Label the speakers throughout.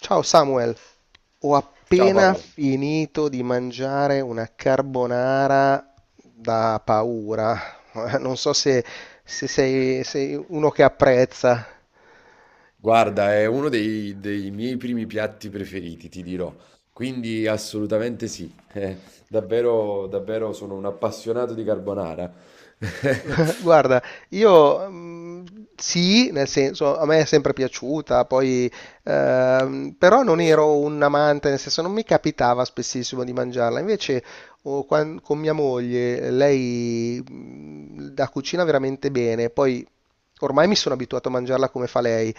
Speaker 1: Ciao Samuel, ho
Speaker 2: Ciao
Speaker 1: appena
Speaker 2: Paolo,
Speaker 1: finito di mangiare una carbonara da paura. Non so se sei uno che apprezza.
Speaker 2: guarda, è uno dei, dei miei primi piatti preferiti, ti dirò, quindi assolutamente sì, eh, davvero, davvero sono un appassionato di carbonara.
Speaker 1: Guarda, io sì, nel senso, a me è sempre piaciuta, poi, però non ero un amante, nel senso, non mi capitava spessissimo di mangiarla. Invece, oh, con mia moglie, lei la cucina veramente bene, poi ormai mi sono abituato a mangiarla come fa lei.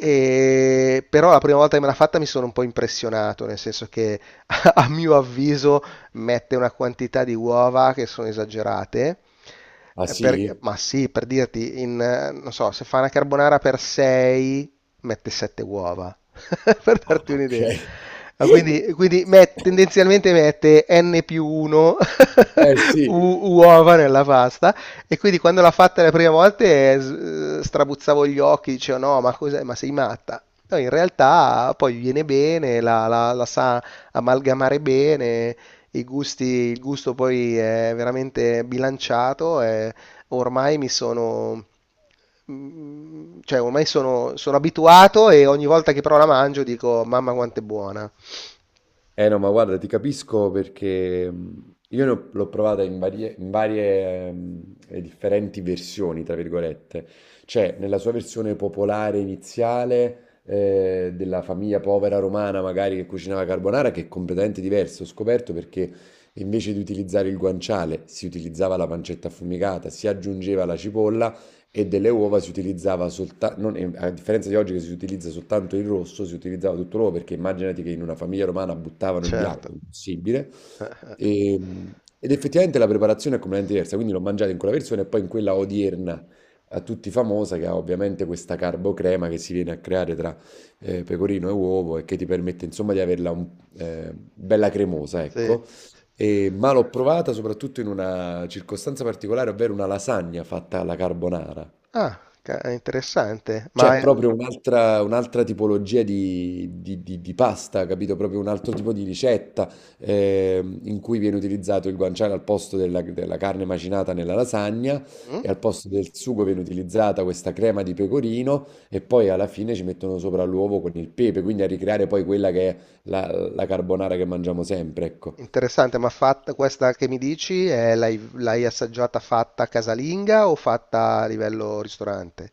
Speaker 1: Però la prima volta che me l'ha fatta mi sono un po' impressionato, nel senso che a mio avviso mette una quantità di uova che sono esagerate,
Speaker 2: Ah sì?
Speaker 1: ma sì, per dirti, non so, se fa una carbonara per 6, mette 7 uova, per
Speaker 2: Ah
Speaker 1: darti
Speaker 2: ok.
Speaker 1: un'idea. Ah, quindi, tendenzialmente mette n più 1
Speaker 2: Eh sì.
Speaker 1: uova nella pasta e quindi quando l'ha fatta le prime volte strabuzzavo gli occhi, dicevo no, ma cos'è? Ma sei matta? No, in realtà poi viene bene, la sa amalgamare bene i gusti, il gusto poi è veramente bilanciato e ormai mi sono, cioè ormai sono abituato e ogni volta che però la mangio dico, mamma quanto è buona.
Speaker 2: Eh no, ma guarda, ti capisco perché io ne ho- l'ho provata in varie, e differenti versioni, tra virgolette. Cioè, nella sua versione popolare iniziale, della famiglia povera romana, magari che cucinava carbonara, che è completamente diverso. Ho scoperto perché invece di utilizzare il guanciale si utilizzava la pancetta affumicata, si aggiungeva la cipolla e delle uova si utilizzava soltanto, a differenza di oggi che si utilizza soltanto il rosso, si utilizzava tutto l'uovo perché immaginati che in una famiglia romana buttavano il bianco,
Speaker 1: Certo,
Speaker 2: impossibile. E- ed effettivamente la preparazione è completamente diversa, quindi l'ho mangiata in quella versione e poi in quella odierna a tutti famosa che ha ovviamente questa carbocrema che si viene a creare tra pecorino e uovo e che ti permette insomma di averla un- bella cremosa,
Speaker 1: sì.
Speaker 2: ecco. E- ma l'ho provata soprattutto in una circostanza particolare, ovvero una lasagna fatta alla carbonara.
Speaker 1: Ah, è interessante.
Speaker 2: C'è proprio un'altra tipologia di, di pasta, capito? Proprio un altro tipo di ricetta in cui viene utilizzato il guanciale al posto della, della carne macinata nella lasagna
Speaker 1: Mm?
Speaker 2: e al posto del sugo viene utilizzata questa crema di pecorino e poi alla fine ci mettono sopra l'uovo con il pepe, quindi a ricreare poi quella che è la, la carbonara che mangiamo sempre, ecco.
Speaker 1: Interessante, ma fatta questa che mi dici, l'hai assaggiata fatta casalinga o fatta a livello ristorante?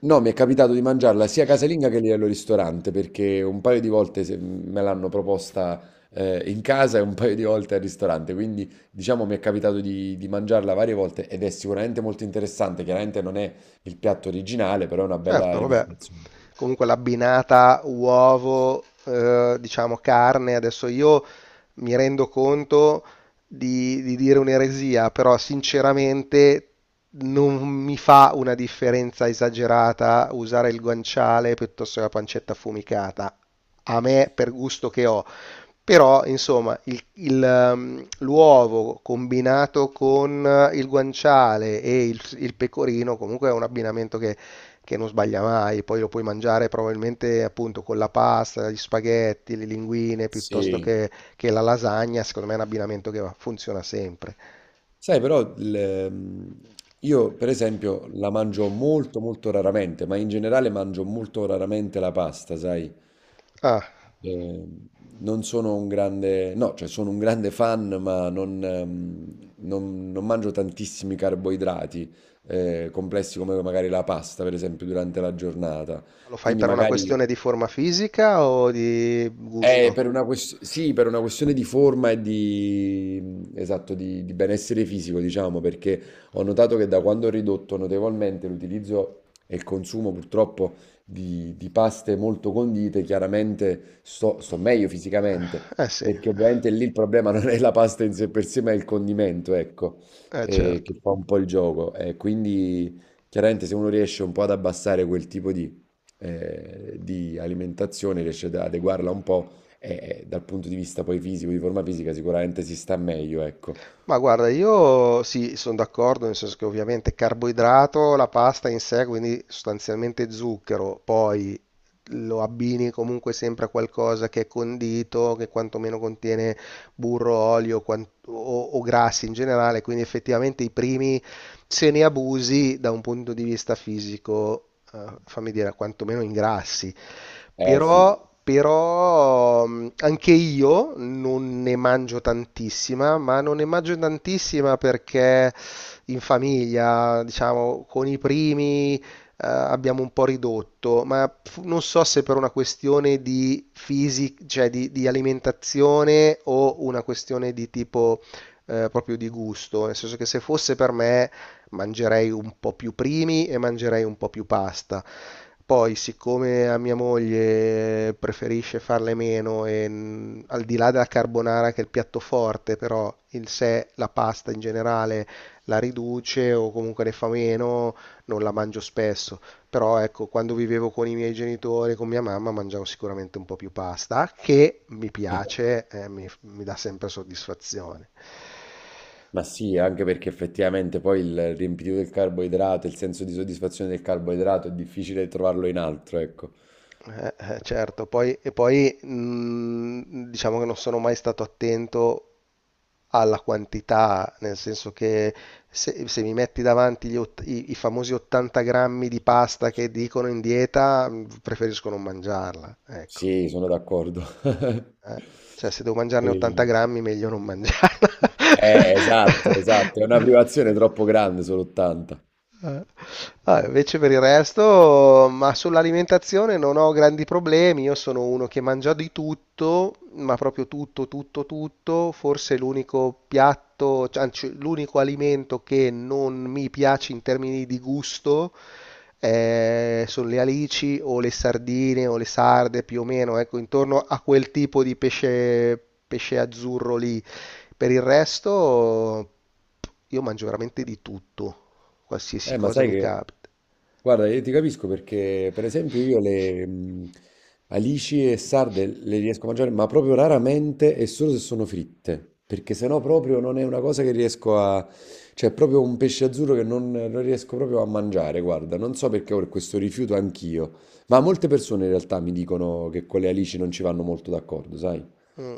Speaker 2: No, mi è capitato di mangiarla sia casalinga che lì al ristorante, perché un paio di volte me l'hanno proposta in casa e un paio di volte al ristorante, quindi diciamo mi è capitato di mangiarla varie volte ed è sicuramente molto interessante, chiaramente non è il piatto originale, però è una bella
Speaker 1: Certo, vabbè.
Speaker 2: rivisitazione.
Speaker 1: Comunque l'abbinata uovo, diciamo carne, adesso io mi rendo conto di dire un'eresia, però sinceramente non mi fa una differenza esagerata usare il guanciale piuttosto che la pancetta affumicata, a me per gusto che ho. Però, insomma, l'uovo combinato con il guanciale e il pecorino comunque è un abbinamento che non sbaglia mai, poi lo puoi mangiare probabilmente appunto con la pasta, gli spaghetti, le linguine piuttosto
Speaker 2: Sì.
Speaker 1: che la lasagna, secondo me è un abbinamento che funziona sempre.
Speaker 2: Sai, però il- io per esempio la mangio molto molto raramente, ma in generale mangio molto raramente la pasta, sai?
Speaker 1: Ah,
Speaker 2: Eh, non sono un grande, no, cioè sono un grande fan, ma non, non- non mangio tantissimi carboidrati complessi come magari la pasta, per esempio, durante la giornata.
Speaker 1: lo fai
Speaker 2: Quindi
Speaker 1: per una
Speaker 2: magari
Speaker 1: questione di forma fisica o di gusto?
Speaker 2: per una ques- sì, per una questione di forma e di, esatto, di benessere fisico, diciamo, perché ho notato che da quando ho ridotto notevolmente l'utilizzo e il consumo purtroppo di paste molto condite, chiaramente sto, sto meglio fisicamente,
Speaker 1: Eh sì,
Speaker 2: perché ovviamente lì il problema non è la pasta in sé per sé, ma è il condimento, ecco,
Speaker 1: eh
Speaker 2: che
Speaker 1: certo.
Speaker 2: fa un po' il gioco. E quindi chiaramente se uno riesce un po' ad abbassare quel tipo di alimentazione, riesce ad adeguarla un po', e dal punto di vista poi fisico, di forma fisica, sicuramente si sta meglio, ecco.
Speaker 1: Ma guarda, io sì, sono d'accordo, nel senso che ovviamente carboidrato, la pasta in sé, quindi sostanzialmente zucchero, poi lo abbini comunque sempre a qualcosa che è condito, che quantomeno contiene burro, olio o grassi in generale, quindi effettivamente i primi, se ne abusi da un punto di vista fisico, fammi dire, quantomeno ingrassi.
Speaker 2: Eh sì,
Speaker 1: Però, anche io non ne mangio tantissima, ma non ne mangio tantissima perché in famiglia, diciamo, con i primi, abbiamo un po' ridotto, ma non so se per una questione di fisica, cioè di alimentazione o una questione di tipo proprio di gusto, nel senso che se fosse per me mangerei un po' più primi e mangerei un po' più pasta. Poi, siccome a mia moglie preferisce farle meno e al di là della carbonara che è il piatto forte, però in sé la pasta in generale la riduce o comunque ne fa meno, non la mangio spesso. Però ecco, quando vivevo con i miei genitori, con mia mamma, mangiavo sicuramente un po' più pasta, che mi
Speaker 2: eh.
Speaker 1: piace, mi dà sempre soddisfazione.
Speaker 2: Ma sì, anche perché effettivamente poi il riempitivo del carboidrato, il senso di soddisfazione del carboidrato è difficile trovarlo in altro, ecco.
Speaker 1: Eh, certo, poi, e poi diciamo che non sono mai stato attento alla quantità, nel senso che se mi metti davanti gli i famosi 80 grammi di pasta che dicono in dieta, preferisco non mangiarla, ecco.
Speaker 2: Sì, sono d'accordo.
Speaker 1: Eh, Cioè, se devo mangiarne 80
Speaker 2: E-
Speaker 1: grammi, meglio non mangiarla.
Speaker 2: eh, esatto, esatto, è una
Speaker 1: Eh.
Speaker 2: privazione troppo grande solo 80.
Speaker 1: Eh. Ah, invece per il resto, ma sull'alimentazione non ho grandi problemi. Io sono uno che mangia di tutto, ma proprio tutto, tutto, tutto. Forse l'unico piatto, cioè, anzi, l'unico alimento che non mi piace in termini di gusto, sono le alici o le sardine o le sarde, più o meno, ecco, intorno a quel tipo di pesce, pesce azzurro lì. Per il resto, io mangio veramente di tutto, qualsiasi
Speaker 2: Ma
Speaker 1: cosa
Speaker 2: sai
Speaker 1: mi
Speaker 2: che...
Speaker 1: capita.
Speaker 2: Guarda, io ti capisco perché, per esempio, io le alici e sarde le riesco a mangiare, ma proprio raramente e solo se sono fritte, perché sennò proprio non è una cosa che riesco a... Cioè è proprio un pesce azzurro che non, non riesco proprio a mangiare, guarda, non so perché ho questo rifiuto anch'io, ma molte persone in realtà mi dicono che con le alici non ci vanno molto d'accordo, sai?
Speaker 1: Mm,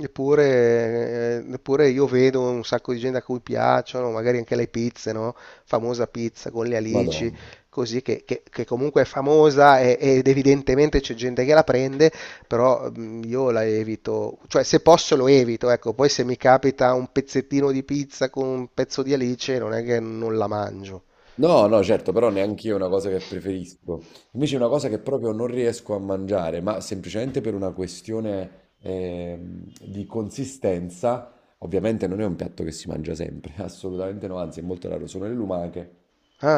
Speaker 1: eppure, io vedo un sacco di gente a cui piacciono, magari anche le pizze, no? Famosa pizza con le alici,
Speaker 2: Madonna.
Speaker 1: così che comunque è famosa ed evidentemente c'è gente che la prende, però io la evito, cioè se posso lo evito, ecco, poi se mi capita un pezzettino di pizza con un pezzo di alice non è che non la mangio.
Speaker 2: No, no, certo, però neanche io è una cosa che preferisco. Invece è una cosa che proprio non riesco a mangiare, ma semplicemente per una questione di consistenza. Ovviamente non è un piatto che si mangia sempre, assolutamente no, anzi è molto raro, sono le lumache.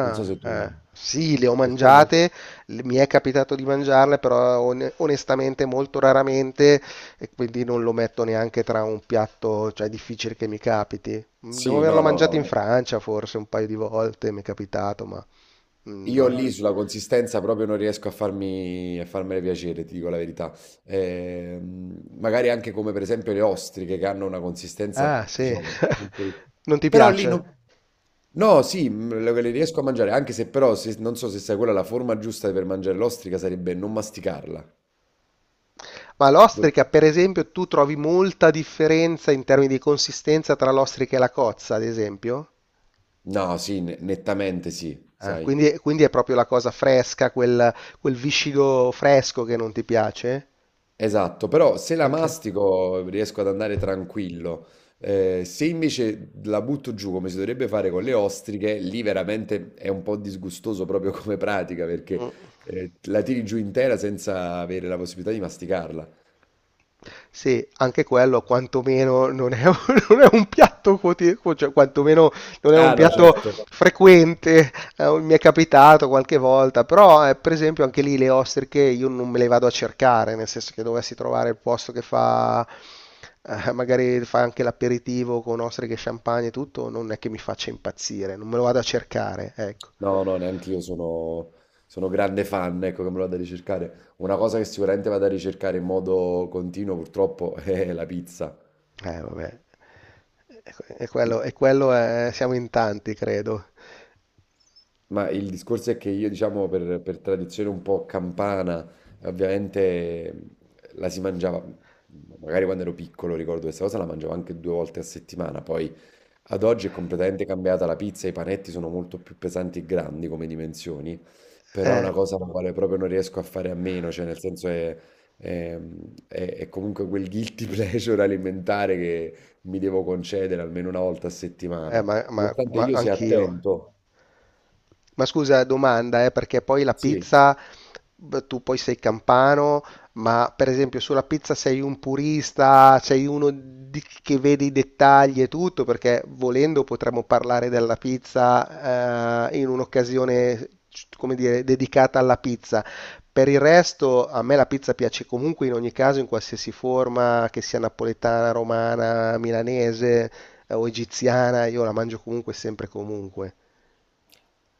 Speaker 2: Non so se tu...
Speaker 1: Sì, le ho
Speaker 2: Escargot?
Speaker 1: mangiate, mi è capitato di mangiarle, però onestamente molto raramente e quindi non lo metto neanche tra un piatto, cioè è difficile che mi capiti. Devo
Speaker 2: Sì, no,
Speaker 1: averlo
Speaker 2: no,
Speaker 1: mangiato
Speaker 2: no.
Speaker 1: in Francia forse un paio di volte, mi è capitato, ma
Speaker 2: Io
Speaker 1: no.
Speaker 2: lì sulla consistenza proprio non riesco a farmi, a farmene piacere, ti dico la verità. Magari anche come per esempio le ostriche che hanno una consistenza,
Speaker 1: Ah, sì.
Speaker 2: diciamo, molto-
Speaker 1: Non ti
Speaker 2: però lì non...
Speaker 1: piace?
Speaker 2: No, sì, le riesco a mangiare, anche se però se- non so se sai quella la forma giusta per mangiare l'ostrica sarebbe non masticarla.
Speaker 1: Ma
Speaker 2: Do-
Speaker 1: l'ostrica, per esempio, tu trovi molta differenza in termini di consistenza tra l'ostrica e la cozza, ad esempio?
Speaker 2: no, sì, ne- nettamente sì,
Speaker 1: Ah,
Speaker 2: sai.
Speaker 1: quindi è proprio la cosa fresca, quel viscido fresco che non ti piace?
Speaker 2: Esatto, però se la
Speaker 1: Anche,
Speaker 2: mastico riesco ad andare tranquillo. Se invece la butto giù come si dovrebbe fare con le ostriche, lì veramente è un po' disgustoso proprio come pratica perché
Speaker 1: Mm.
Speaker 2: la tiri giù intera senza avere la possibilità di masticarla.
Speaker 1: Sì, anche quello quantomeno non è, un non è un piatto quotidiano, cioè quantomeno non è un
Speaker 2: Ah no,
Speaker 1: piatto
Speaker 2: certo.
Speaker 1: frequente, mi è capitato qualche volta, però per esempio anche lì le ostriche io non me le vado a cercare, nel senso che dovessi trovare il posto che fa, magari fa anche l'aperitivo con ostriche, champagne e tutto, non è che mi faccia impazzire, non me lo vado a cercare, ecco.
Speaker 2: No, no, neanche io sono, sono grande fan, ecco che me lo vado a ricercare. Una cosa che sicuramente vado a ricercare in modo continuo purtroppo è la pizza.
Speaker 1: Vabbè, e quello, siamo in tanti, credo.
Speaker 2: Ma il discorso è che io, diciamo, per tradizione un po' campana, ovviamente la si mangiava, magari quando ero piccolo ricordo questa cosa, la mangiavo anche due volte a settimana, poi ad oggi è completamente cambiata la pizza, i panetti sono molto più pesanti e grandi come dimensioni, però è una
Speaker 1: Eh,
Speaker 2: cosa la quale proprio non riesco a fare a meno, cioè nel senso è- è comunque quel guilty pleasure alimentare che mi devo concedere almeno una volta a settimana,
Speaker 1: Ma, ma-
Speaker 2: nonostante
Speaker 1: ma
Speaker 2: io sia
Speaker 1: anch'io.
Speaker 2: attento,
Speaker 1: Ma scusa, domanda, perché poi la
Speaker 2: sì.
Speaker 1: pizza, beh, tu poi sei campano, ma per esempio sulla pizza sei un purista, sei uno che vede i dettagli e tutto, perché volendo potremmo parlare della pizza, in un'occasione, come dire, dedicata alla pizza. Per il resto, a me la pizza piace comunque in ogni caso, in qualsiasi forma, che sia napoletana, romana, milanese. O egiziana, io la mangio comunque e sempre e comunque.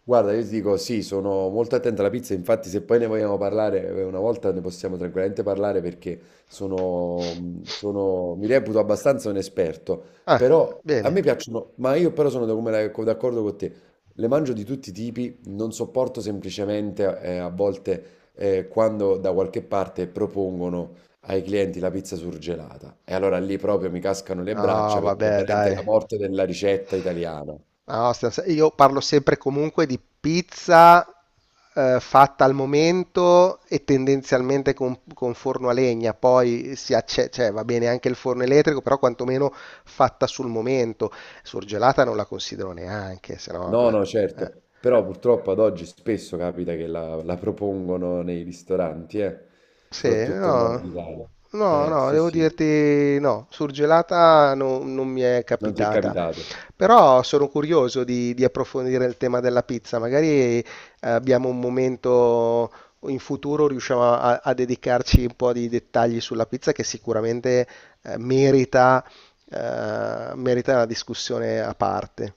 Speaker 2: Guarda, io ti dico sì, sono molto attento alla pizza, infatti se poi ne vogliamo parlare una volta ne possiamo tranquillamente parlare perché sono, sono- mi reputo abbastanza un esperto,
Speaker 1: Ah,
Speaker 2: però a
Speaker 1: bene.
Speaker 2: me piacciono, ma io però sono da- come la- co- d'accordo con te, le mangio di tutti i tipi, non sopporto semplicemente a volte quando da qualche parte propongono ai clienti la pizza surgelata e allora lì proprio mi cascano le braccia
Speaker 1: No,
Speaker 2: perché è
Speaker 1: vabbè,
Speaker 2: veramente la
Speaker 1: dai.
Speaker 2: morte della ricetta italiana.
Speaker 1: No, stiamo se- io parlo sempre e comunque di pizza, fatta al momento e tendenzialmente con forno a legna. Poi cioè, va bene anche il forno elettrico, però quantomeno fatta sul momento. Surgelata non la considero neanche, se no
Speaker 2: No, no,
Speaker 1: eh.
Speaker 2: certo, però purtroppo ad oggi spesso capita che la, la propongono nei ristoranti,
Speaker 1: Sì,
Speaker 2: soprattutto al
Speaker 1: no.
Speaker 2: nord Italia.
Speaker 1: No, no,
Speaker 2: Sì,
Speaker 1: devo
Speaker 2: sì,
Speaker 1: dirti no, surgelata non mi è
Speaker 2: non ti è
Speaker 1: capitata.
Speaker 2: capitato.
Speaker 1: Però sono curioso di approfondire il tema della pizza. Magari abbiamo un momento in futuro, riusciamo a dedicarci un po' di dettagli sulla pizza che sicuramente eh, merita, merita una discussione a parte.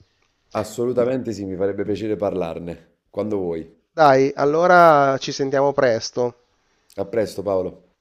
Speaker 2: Assolutamente sì, mi farebbe piacere parlarne, quando vuoi.
Speaker 1: Dai, allora ci sentiamo presto.
Speaker 2: A presto, Paolo.